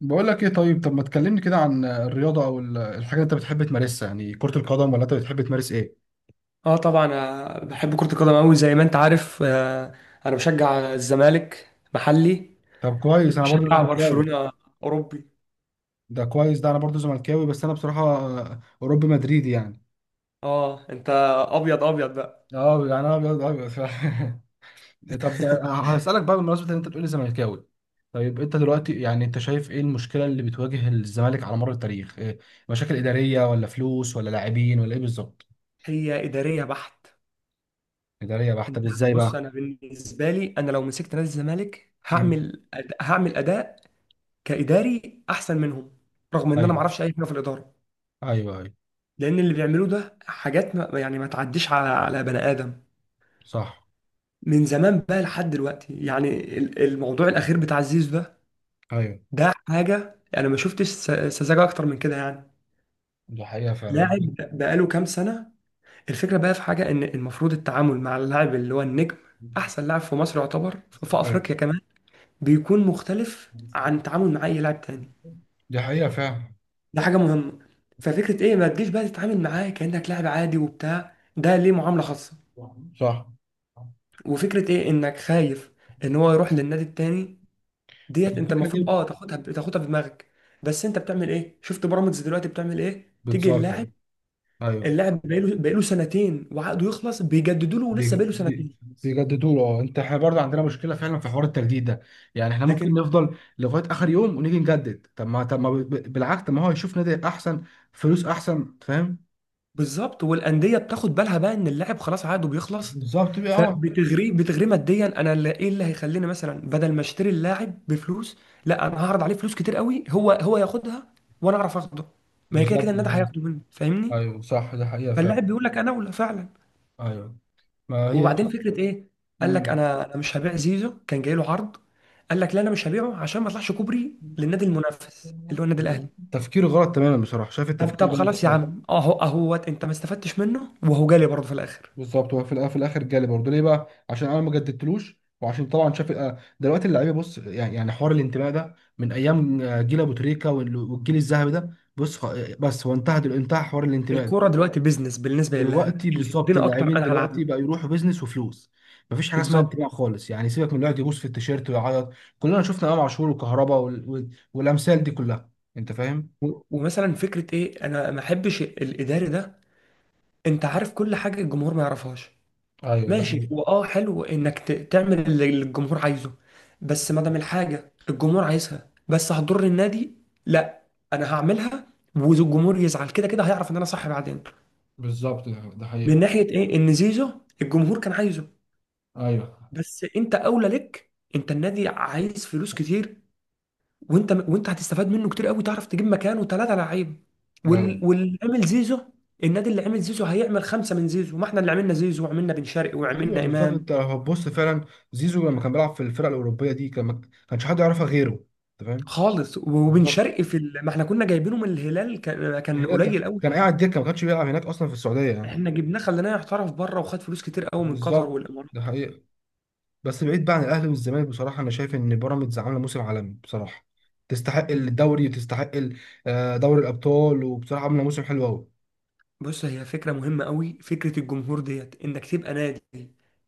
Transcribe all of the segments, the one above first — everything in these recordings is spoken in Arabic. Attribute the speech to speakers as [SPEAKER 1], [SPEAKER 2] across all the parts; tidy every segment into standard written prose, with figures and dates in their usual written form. [SPEAKER 1] بقول لك ايه؟ طيب طب ما تكلمني كده عن الرياضه، او الحاجه اللي انت بتحب تمارسها، يعني كره القدم ولا انت بتحب تمارس ايه؟
[SPEAKER 2] اه طبعا بحب كرة القدم قوي زي ما انت عارف انا بشجع الزمالك محلي،
[SPEAKER 1] طب كويس، انا برضو
[SPEAKER 2] وبشجع
[SPEAKER 1] زملكاوي.
[SPEAKER 2] برشلونة اوروبي.
[SPEAKER 1] ده كويس، ده انا برضو زملكاوي، بس انا بصراحه اوروبي مدريدي يعني.
[SPEAKER 2] اه انت ابيض ابيض بقى.
[SPEAKER 1] اه، يعني انا ابيض ابيض فعلا. طب، هسالك بقى بمناسبه ان انت بتقولي زملكاوي. طيب انت دلوقتي، يعني انت شايف ايه المشكله اللي بتواجه الزمالك على مر التاريخ، إيه؟ مشاكل اداريه ولا فلوس ولا لاعبين ولا ايه بالظبط؟
[SPEAKER 2] هي ادارية بحت.
[SPEAKER 1] اداريه بقى،
[SPEAKER 2] انت
[SPEAKER 1] طب
[SPEAKER 2] أنا
[SPEAKER 1] ازاي
[SPEAKER 2] بص،
[SPEAKER 1] بقى؟
[SPEAKER 2] انا بالنسبة لي انا لو مسكت نادي الزمالك
[SPEAKER 1] مم.
[SPEAKER 2] هعمل هعمل اداء كاداري احسن منهم، رغم ان انا ما
[SPEAKER 1] ايوه.
[SPEAKER 2] اعرفش اي حاجة في الادارة،
[SPEAKER 1] ايوه ايوه.
[SPEAKER 2] لان اللي بيعملوه ده حاجات ما... يعني ما تعديش على بني ادم،
[SPEAKER 1] صح.
[SPEAKER 2] من زمان بقى لحد دلوقتي يعني. الموضوع الاخير بتاع زيزو ده،
[SPEAKER 1] ايوه،
[SPEAKER 2] ده حاجه يعني ما شفتش سذاجه اكتر من كده يعني.
[SPEAKER 1] دي حقيقة فعلا.
[SPEAKER 2] لاعب بقاله كام سنه. الفكره بقى في حاجه ان المفروض التعامل مع اللاعب اللي هو النجم، احسن لاعب في مصر يعتبر، في
[SPEAKER 1] أيوة.
[SPEAKER 2] افريقيا كمان، بيكون مختلف عن التعامل مع اي لاعب تاني.
[SPEAKER 1] دي حقيقة فعلا.
[SPEAKER 2] ده حاجه مهمه. ففكره ايه ما تجيش بقى تتعامل معاه كانك لاعب عادي وبتاع ده، ليه معامله خاصه؟
[SPEAKER 1] صح.
[SPEAKER 2] وفكره ايه انك خايف ان هو يروح للنادي التاني. ديت انت
[SPEAKER 1] الفكرة دي
[SPEAKER 2] المفروض اه تاخدها في دماغك. بس انت بتعمل ايه؟ شفت بيراميدز دلوقتي بتعمل ايه؟ تيجي
[SPEAKER 1] بتظهر.
[SPEAKER 2] اللاعب،
[SPEAKER 1] أيوه.
[SPEAKER 2] اللاعب بقاله سنتين وعقده يخلص بيجددوا له ولسه بقاله سنتين.
[SPEAKER 1] بيجددوا له. اه، انت احنا برضه عندنا مشكله فعلا في حوار التجديد ده، يعني احنا ممكن
[SPEAKER 2] لكن
[SPEAKER 1] نفضل لغايه اخر يوم ونيجي نجدد. طب ما بالعكس، طب ما هو يشوف نادي احسن، فلوس احسن، فاهم؟
[SPEAKER 2] بالظبط، والانديه بتاخد بالها بقى ان اللاعب خلاص عقده بيخلص،
[SPEAKER 1] بالظبط بقى. اه،
[SPEAKER 2] فبتغريه ماديا. انا اللي ايه اللي هيخليني مثلا بدل ما اشتري اللاعب بفلوس، لا انا هعرض عليه فلوس كتير قوي هو ياخدها وانا اعرف اخده. ما هي كده كده
[SPEAKER 1] بالظبط،
[SPEAKER 2] النادي هياخده مني فاهمني.
[SPEAKER 1] ايوه، صح، دي حقيقه فعلا.
[SPEAKER 2] فاللاعب بيقول لك انا اولى فعلا.
[SPEAKER 1] ايوه، ما هي.
[SPEAKER 2] وبعدين فكره ايه، قال لك
[SPEAKER 1] مم.
[SPEAKER 2] انا مش هبيع زيزو، كان جاي له عرض، قال لك لا انا مش هبيعه عشان ما اطلعش كوبري للنادي المنافس اللي هو النادي الاهلي.
[SPEAKER 1] تفكير غلط تماما بصراحه، شايف
[SPEAKER 2] طب
[SPEAKER 1] التفكير
[SPEAKER 2] طب
[SPEAKER 1] ده مش
[SPEAKER 2] خلاص يا
[SPEAKER 1] حلو.
[SPEAKER 2] عم، اهو اهوت انت ما استفدتش منه وهو جالي برضه في الاخر.
[SPEAKER 1] بالظبط، هو في في الاخر جالي برضه، ليه بقى؟ عشان انا ما جددتلوش، وعشان طبعا شاف دلوقتي اللعيبه، بص، يعني حوار الانتماء ده من ايام جيل ابو تريكه والجيل الذهبي ده، بص بس هو انتهى، انتهى حوار الانتماء ده.
[SPEAKER 2] الكوره دلوقتي بيزنس، بالنسبه للاعب
[SPEAKER 1] دلوقتي
[SPEAKER 2] اللي
[SPEAKER 1] بالظبط،
[SPEAKER 2] يدينا اكتر
[SPEAKER 1] اللاعبين
[SPEAKER 2] انا هلعب
[SPEAKER 1] دلوقتي
[SPEAKER 2] له.
[SPEAKER 1] بقى يروحوا بيزنس وفلوس، مفيش حاجه اسمها
[SPEAKER 2] بالظبط.
[SPEAKER 1] انتماء خالص يعني، سيبك من اللي يقعد يبوس في التيشيرت ويعيط. كلنا شفنا امام عاشور وكهربا والامثال دي كلها، انت فاهم.
[SPEAKER 2] ومثلا فكره ايه، انا ما احبش الاداري ده، انت عارف كل حاجه الجمهور ما يعرفهاش.
[SPEAKER 1] ايوه، ده
[SPEAKER 2] ماشي هو
[SPEAKER 1] حقيقة.
[SPEAKER 2] اه حلو انك تعمل اللي الجمهور عايزه، بس ما دام الحاجه الجمهور عايزها بس هتضر النادي، لا انا هعملها والجمهور يزعل، كده كده هيعرف ان انا صح بعدين.
[SPEAKER 1] بالظبط، ده
[SPEAKER 2] من
[SPEAKER 1] حقيقة.
[SPEAKER 2] ناحيه ايه ان زيزو، الجمهور كان عايزه،
[SPEAKER 1] ايوه
[SPEAKER 2] بس انت اولى لك، انت النادي عايز فلوس كتير، وانت هتستفاد منه كتير قوي، تعرف تجيب مكانه ثلاثه لعيب.
[SPEAKER 1] ايوه.
[SPEAKER 2] واللي عامل زيزو، النادي اللي عامل زيزو هيعمل خمسه من زيزو. ما احنا اللي عملنا زيزو وعملنا بن شرقي
[SPEAKER 1] ايوه
[SPEAKER 2] وعملنا
[SPEAKER 1] بالظبط،
[SPEAKER 2] امام
[SPEAKER 1] انت لو هتبص فعلا، زيزو لما كان بيلعب في الفرق الاوروبيه دي، ما كانش حد يعرفها غيره، انت فاهم.
[SPEAKER 2] خالص. وبن
[SPEAKER 1] بالظبط.
[SPEAKER 2] شرقي في ما احنا كنا جايبينه من الهلال، كان
[SPEAKER 1] يعني
[SPEAKER 2] كان
[SPEAKER 1] ده كان
[SPEAKER 2] قليل قوي
[SPEAKER 1] كان
[SPEAKER 2] يعني.
[SPEAKER 1] قاعد دكه، ما كانش بيلعب هناك اصلا في السعوديه يعني.
[SPEAKER 2] احنا جبناه خليناه يحترف بره وخد فلوس كتير قوي من قطر
[SPEAKER 1] بالظبط،
[SPEAKER 2] والامارات.
[SPEAKER 1] ده حقيقه. بس بعيد بقى عن الاهلي والزمالك، بصراحه انا شايف ان بيراميدز عامله موسم عالمي بصراحه، تستحق الدوري وتستحق دوري الابطال، وبصراحه عامله موسم حلو قوي.
[SPEAKER 2] بص هي فكرة مهمة قوي، فكرة الجمهور ديت، انك تبقى نادي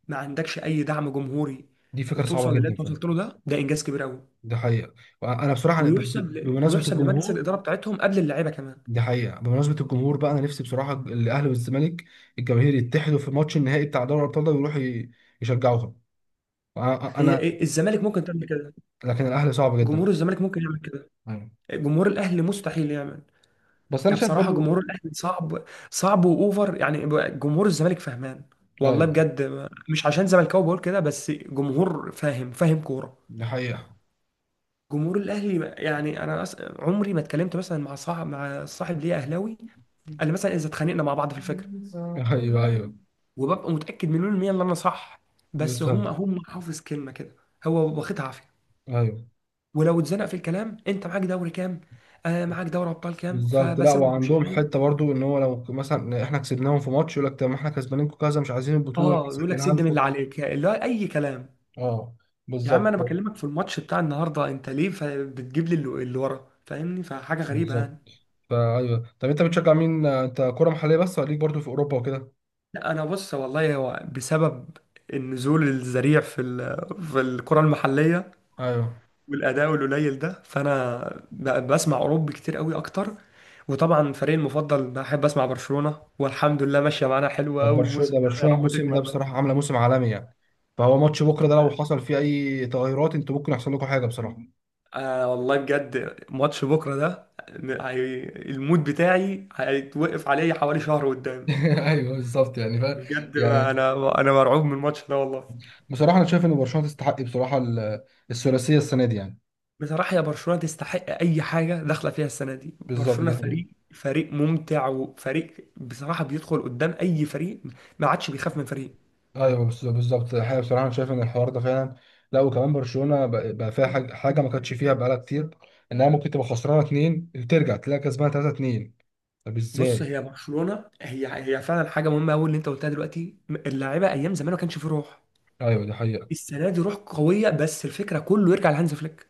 [SPEAKER 2] ما عندكش اي دعم جمهوري
[SPEAKER 1] دي فكره صعبه
[SPEAKER 2] وتوصل للي
[SPEAKER 1] جدا
[SPEAKER 2] انت
[SPEAKER 1] فعلا.
[SPEAKER 2] وصلت له، ده ده انجاز كبير قوي.
[SPEAKER 1] ده حقيقه. انا بصراحه بمناسبه
[SPEAKER 2] ويحسب لمجلس
[SPEAKER 1] الجمهور.
[SPEAKER 2] الاداره بتاعتهم قبل اللعيبه كمان.
[SPEAKER 1] دي حقيقة، بمناسبة الجمهور بقى، أنا نفسي بصراحة الأهلي والزمالك الجماهير يتحدوا في ماتش النهائي بتاع دوري الأبطال ده، ويروحوا يشجعوهم. أنا
[SPEAKER 2] هي
[SPEAKER 1] أنا-
[SPEAKER 2] إيه؟ الزمالك ممكن تعمل كده،
[SPEAKER 1] لكن الأهلي صعب جدا.
[SPEAKER 2] جمهور الزمالك ممكن يعمل كده،
[SPEAKER 1] أيوة.
[SPEAKER 2] جمهور الاهلي مستحيل يعمل.
[SPEAKER 1] بس
[SPEAKER 2] ده
[SPEAKER 1] أنا شايف
[SPEAKER 2] بصراحه
[SPEAKER 1] برضو.
[SPEAKER 2] جمهور الاهلي صعب، صعب واوفر يعني. جمهور الزمالك فهمان والله
[SPEAKER 1] أيوة،
[SPEAKER 2] بجد، مش عشان زملكاوي بقول كده، بس جمهور فاهم، فاهم كوره.
[SPEAKER 1] دي حقيقة.
[SPEAKER 2] جمهور الاهلي يعني انا عمري ما اتكلمت مثلا مع صاحب ليا اهلاوي الا مثلا اذا اتخانقنا مع بعض في الفكره،
[SPEAKER 1] أيوة أيوة
[SPEAKER 2] وببقى متاكد مليون المية ان انا صح، بس هم
[SPEAKER 1] بالظبط.
[SPEAKER 2] هم حافظ كلمه كده، هو واخدها عافيه.
[SPEAKER 1] أيوة
[SPEAKER 2] ولو اتزنق في الكلام، انت معاك دوري كام؟ آه معاك دوري ابطال كام؟
[SPEAKER 1] بالظبط. لا
[SPEAKER 2] فبسيبه ويمشي
[SPEAKER 1] وعندهم
[SPEAKER 2] فاهم.
[SPEAKER 1] حتة برضو، إن هو لو مثلا إحنا كسبناهم في ماتش، يقول لك طب ما إحنا كسبانينكم كذا، مش عايزين البطولة
[SPEAKER 2] اه يقول لك
[SPEAKER 1] نسجلها
[SPEAKER 2] سد من اللي
[SPEAKER 1] لكم.
[SPEAKER 2] عليك، اللي هو اي كلام.
[SPEAKER 1] أه،
[SPEAKER 2] يا عم
[SPEAKER 1] بالظبط.
[SPEAKER 2] انا بكلمك في الماتش بتاع النهارده، انت ليه بتجيب لي اللي ورا، فاهمني؟ فحاجه غريبه يعني.
[SPEAKER 1] بالظبط. فأيوه، طب أنت بتشجع مين؟ أنت كرة محلية بس ولا ليك برضو في أوروبا وكده؟
[SPEAKER 2] لا انا بص والله، هو بسبب النزول الذريع في في الكره المحليه
[SPEAKER 1] ايوه.
[SPEAKER 2] والاداء القليل ده، فانا بقى بسمع اوروبي كتير قوي اكتر. وطبعا فريقي المفضل بحب اسمع برشلونه، والحمد لله ماشيه معانا حلوه قوي الموسم ده، يا
[SPEAKER 1] برشلونة
[SPEAKER 2] رب
[SPEAKER 1] الموسم ده
[SPEAKER 2] تكمل بقى.
[SPEAKER 1] بصراحة عاملة موسم عالمي يعني، فهو ماتش بكرة ده لو حصل فيه أي تغيرات أنتوا ممكن يحصل لكم حاجة بصراحة.
[SPEAKER 2] آه والله بجد، ماتش بكره ده، المود بتاعي هيتوقف عليه حوالي شهر قدام.
[SPEAKER 1] ايوه بالظبط، يعني فاهم،
[SPEAKER 2] بجد ما
[SPEAKER 1] يعني
[SPEAKER 2] انا، انا مرعوب من الماتش ده والله.
[SPEAKER 1] بصراحة أنا شايف إن برشلونة تستحق بصراحة الثلاثية السنة دي يعني.
[SPEAKER 2] بصراحة يا برشلونة تستحق أي حاجة داخلة فيها السنة دي،
[SPEAKER 1] بالظبط،
[SPEAKER 2] برشلونة
[SPEAKER 1] ده حقيقي.
[SPEAKER 2] فريق، فريق ممتع، وفريق بصراحة بيدخل قدام أي فريق، ما عادش بيخاف من فريق.
[SPEAKER 1] ايوه، بالظبط الحقيقه، بصراحه انا شايف ان الحوار ده فعلا. لا وكمان برشلونه بقى فيها حاجة ما كانتش فيها بقالها كتير، انها ممكن تبقى خسرانه اتنين، ترجع تلاقي كسبانه تلاته اتنين. طب
[SPEAKER 2] بص،
[SPEAKER 1] ازاي؟
[SPEAKER 2] هي برشلونة هي فعلا حاجة مهمة أوي اللي أنت قلتها دلوقتي، اللاعيبة أيام زمان ما كانش فيه روح،
[SPEAKER 1] ايوه ده حقيقي.
[SPEAKER 2] السنة دي روح قوية، بس الفكرة كله يرجع لهانز فليك.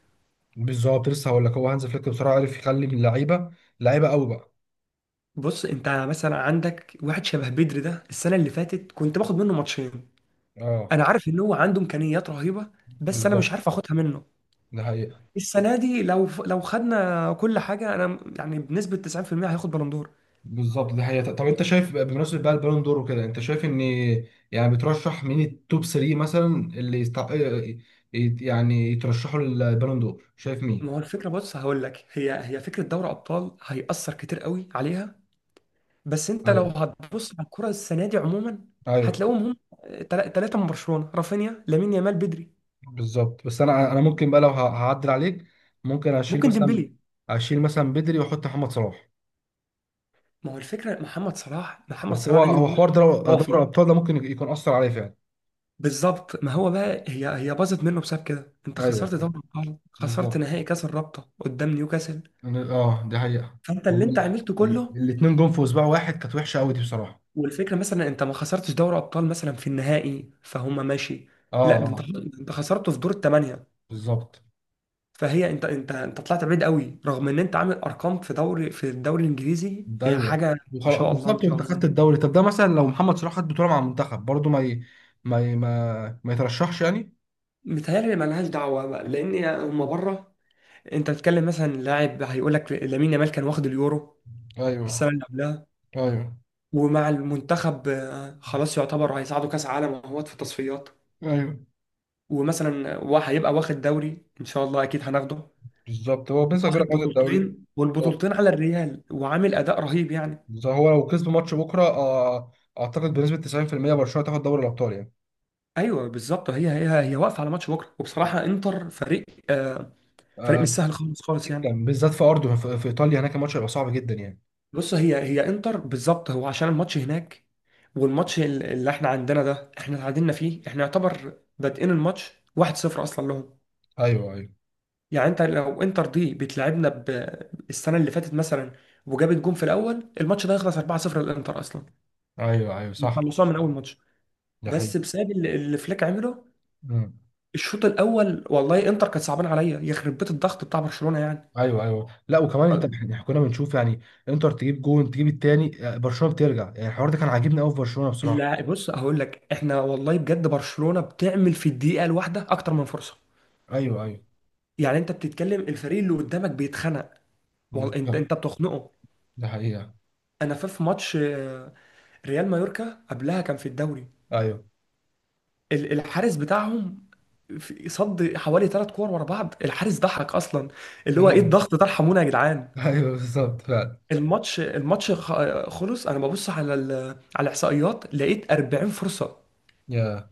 [SPEAKER 1] بالظبط، لسه هقول لك، هو هانز فليك بصراحه عرف يخلي اللعيبه لعيبه قوي بقى.
[SPEAKER 2] بص أنت مثلا عندك واحد شبه بدري ده، السنة اللي فاتت كنت باخد منه ماتشين،
[SPEAKER 1] اه
[SPEAKER 2] أنا عارف إن هو عنده إمكانيات رهيبة بس أنا مش
[SPEAKER 1] بالظبط.
[SPEAKER 2] عارف آخدها منه.
[SPEAKER 1] ده حقيقه.
[SPEAKER 2] السنه دي لو خدنا كل حاجه انا يعني بنسبه 90% هياخد بالون دور.
[SPEAKER 1] بالظبط، ده حقيقه. طب انت شايف بمناسبه بقى البالون دور وكده، انت شايف ان يعني بترشح مين التوب 3 مثلا؟ اللي يستع... يعني يترشحوا للبالون دور، شايف
[SPEAKER 2] ما
[SPEAKER 1] مين؟
[SPEAKER 2] هو الفكره، بص هقول لك، هي فكره دوري ابطال هيأثر كتير قوي عليها، بس انت لو
[SPEAKER 1] ايوه
[SPEAKER 2] هتبص على الكره السنه دي عموما،
[SPEAKER 1] ايوه
[SPEAKER 2] هتلاقوهم هم ثلاثه من برشلونه: رافينيا، لامين يامال، بدري.
[SPEAKER 1] بالظبط. بس انا ممكن بقى، لو هعدل عليك. ممكن اشيل
[SPEAKER 2] ممكن
[SPEAKER 1] مثلا
[SPEAKER 2] ديمبلي.
[SPEAKER 1] اشيل مثلا بدري واحط محمد صلاح.
[SPEAKER 2] ما هو الفكره، محمد صلاح، محمد
[SPEAKER 1] بس هو
[SPEAKER 2] صلاح
[SPEAKER 1] هو
[SPEAKER 2] عامل موسم
[SPEAKER 1] حوار دوري
[SPEAKER 2] خرافي.
[SPEAKER 1] ابطال ده ممكن يكون اثر عليه فعلا.
[SPEAKER 2] بالظبط، ما هو بقى هي باظت منه بسبب كده، انت
[SPEAKER 1] ايوه
[SPEAKER 2] خسرت دوري الابطال، خسرت
[SPEAKER 1] بالظبط.
[SPEAKER 2] نهائي كاس الرابطه قدام نيوكاسل،
[SPEAKER 1] اه، دي حقيقة.
[SPEAKER 2] فانت اللي
[SPEAKER 1] هما
[SPEAKER 2] انت عملته كله.
[SPEAKER 1] الاتنين جم في اسبوع واحد، كانت وحشة قوي دي بصراحة.
[SPEAKER 2] والفكره مثلا انت ما خسرتش دوري ابطال مثلا في النهائي، فهم ماشي،
[SPEAKER 1] اه
[SPEAKER 2] لا ده انت،
[SPEAKER 1] اه.
[SPEAKER 2] خسرته في دور الثمانيه،
[SPEAKER 1] بالظبط.
[SPEAKER 2] فهي انت طلعت بعيد قوي، رغم ان انت عامل ارقام في دوري، في الدوري الانجليزي،
[SPEAKER 1] ده
[SPEAKER 2] هي
[SPEAKER 1] ايوه.
[SPEAKER 2] حاجه ما
[SPEAKER 1] وخلاص
[SPEAKER 2] شاء الله، ما
[SPEAKER 1] بالظبط،
[SPEAKER 2] شاء
[SPEAKER 1] وانت
[SPEAKER 2] الله
[SPEAKER 1] خدت
[SPEAKER 2] يعني.
[SPEAKER 1] الدوري. طب ده مثلا لو محمد صلاح خد بطولة مع المنتخب برضه، ما ي... ما ي... ما ما يترشحش يعني.
[SPEAKER 2] متهيألي مالهاش دعوه بقى لان هم بره. انت بتتكلم مثلا لاعب هيقول لك لامين يامال كان واخد اليورو
[SPEAKER 1] ايوه
[SPEAKER 2] السنه اللي قبلها،
[SPEAKER 1] ايوه
[SPEAKER 2] ومع المنتخب خلاص يعتبر هيصعدوا كاس عالم اهوت في التصفيات.
[SPEAKER 1] ايوه
[SPEAKER 2] ومثلا هو هيبقى واخد دوري ان شاء الله، اكيد هناخده،
[SPEAKER 1] بالظبط، هو بنسبة كبيرة
[SPEAKER 2] واخد
[SPEAKER 1] خد الدوري.
[SPEAKER 2] بطولتين،
[SPEAKER 1] هو
[SPEAKER 2] والبطولتين على الريال، وعامل اداء رهيب يعني.
[SPEAKER 1] هو لو كسب ماتش بكرة، اعتقد بنسبة 90% برشلونة تاخد دوري الابطال يعني.
[SPEAKER 2] ايوه بالظبط، هي واقفه على ماتش بكره. وبصراحه انتر فريق، آه، فريق
[SPEAKER 1] آه،
[SPEAKER 2] مش سهل خالص، خالص يعني.
[SPEAKER 1] جدا بالذات في ارضه، في ايطاليا هناك، الماتش هيبقى صعب جدا يعني.
[SPEAKER 2] بص، هي انتر بالظبط هو عشان الماتش هناك، والماتش اللي احنا عندنا ده احنا اتعادلنا فيه، احنا يعتبر بادئين الماتش 1-0 اصلا لهم.
[SPEAKER 1] ايوه ايوه.
[SPEAKER 2] يعني انت لو انتر دي بتلعبنا السنه اللي فاتت مثلا، وجابت جون في الاول، الماتش ده يخلص 4-0 للانتر اصلا،
[SPEAKER 1] ايوه ايوه صح.
[SPEAKER 2] خلصوها من اول ماتش.
[SPEAKER 1] ده حقيقي.
[SPEAKER 2] بس بسبب اللي فليك عمله
[SPEAKER 1] مم.
[SPEAKER 2] الشوط الاول، والله انتر كانت صعبان عليا، يخرب بيت الضغط بتاع برشلونه يعني.
[SPEAKER 1] ايوه ايوه، لا وكمان، احنا كنا بنشوف يعني، انتر تجيب جون تجيب التاني، برشلونه بترجع، يعني الحوار ده كان عاجبني قوي في برشلونه بصراحه.
[SPEAKER 2] لا بص هقول لك، احنا والله بجد برشلونه بتعمل في الدقيقه الواحده اكتر من فرصه،
[SPEAKER 1] ايوه ايوه
[SPEAKER 2] يعني انت بتتكلم الفريق اللي قدامك بيتخنق، انت
[SPEAKER 1] بالظبط،
[SPEAKER 2] بتخنقه.
[SPEAKER 1] ده حقيقه.
[SPEAKER 2] انا في في ماتش ريال مايوركا قبلها كان في الدوري،
[SPEAKER 1] ايوه.
[SPEAKER 2] الحارس بتاعهم صد حوالي ثلاث كور ورا بعض، الحارس ضحك اصلا، اللي هو ايه
[SPEAKER 1] ايوه
[SPEAKER 2] الضغط ده، ارحمونا يا جدعان.
[SPEAKER 1] ايوه بالظبط فعلا.
[SPEAKER 2] الماتش خلص، انا ببص على على الاحصائيات لقيت 40 فرصه،
[SPEAKER 1] يا.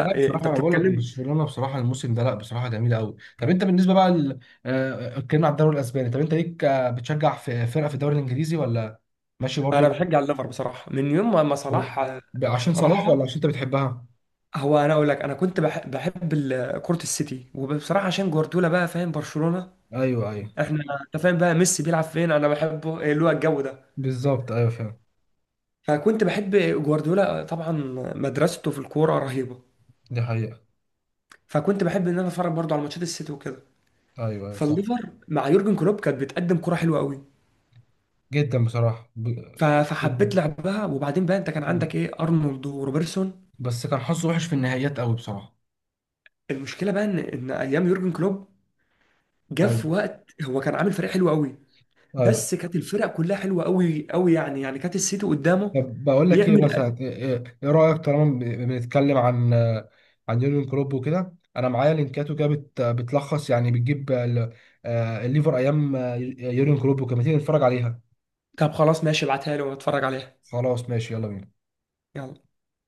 [SPEAKER 1] لا بصراحه انا بقول لك،
[SPEAKER 2] بتتكلم.
[SPEAKER 1] برشلونه بصراحه الموسم ده، لا بصراحه جميله قوي. طب انت بالنسبه بقى اتكلمنا على الدوري الاسباني، طب انت ليك بتشجع في فرقه في الدوري الانجليزي ولا ماشي
[SPEAKER 2] انا
[SPEAKER 1] برضو؟
[SPEAKER 2] بشجع الليفر بصراحه من يوم ما صلاح
[SPEAKER 1] عشان صلاح ولا
[SPEAKER 2] راحها.
[SPEAKER 1] عشان انت بتحبها؟
[SPEAKER 2] هو انا اقول لك، انا كنت بحب كره السيتي، وبصراحه عشان جوارديولا بقى، فاهم برشلونه
[SPEAKER 1] ايوه ايوه
[SPEAKER 2] احنا، انت فاهم بقى ميسي بيلعب فين انا بحبه، إيه اللي هو الجو ده.
[SPEAKER 1] بالظبط. ايوه فعلا،
[SPEAKER 2] فكنت بحب جوارديولا طبعا، مدرسته في الكوره رهيبه،
[SPEAKER 1] دي حقيقه.
[SPEAKER 2] فكنت بحب ان انا اتفرج برضه على ماتشات السيتي وكده.
[SPEAKER 1] ايوه ايوه صح.
[SPEAKER 2] فالليفر مع يورجن كلوب كانت بتقدم كره حلوه قوي،
[SPEAKER 1] جدا بصراحة
[SPEAKER 2] فحبيت لعبها. وبعدين بقى انت كان عندك ايه، ارنولد وروبرتسون.
[SPEAKER 1] بس كان حظه وحش في النهائيات قوي بصراحة.
[SPEAKER 2] المشكله بقى ان ايام يورجن كلوب، جه
[SPEAKER 1] ايوه
[SPEAKER 2] في وقت هو كان عامل فريق حلو قوي،
[SPEAKER 1] ايوه.
[SPEAKER 2] بس كانت الفرق كلها حلوه قوي قوي يعني، يعني كانت السيتي قدامه
[SPEAKER 1] طب بقول لك، ايه
[SPEAKER 2] بيعمل.
[SPEAKER 1] مثلا ايه إيه- إيه رأيك طالما بنتكلم عن يورجن كلوب وكده، انا معايا لينكاته كده بتلخص يعني، بتجيب الليفر ايام يورجن كلوب وكده، ما تيجي نتفرج عليها.
[SPEAKER 2] طب خلاص ماشي، ابعتها لي واتفرج عليها.
[SPEAKER 1] خلاص ماشي، يلا بينا.
[SPEAKER 2] يلا.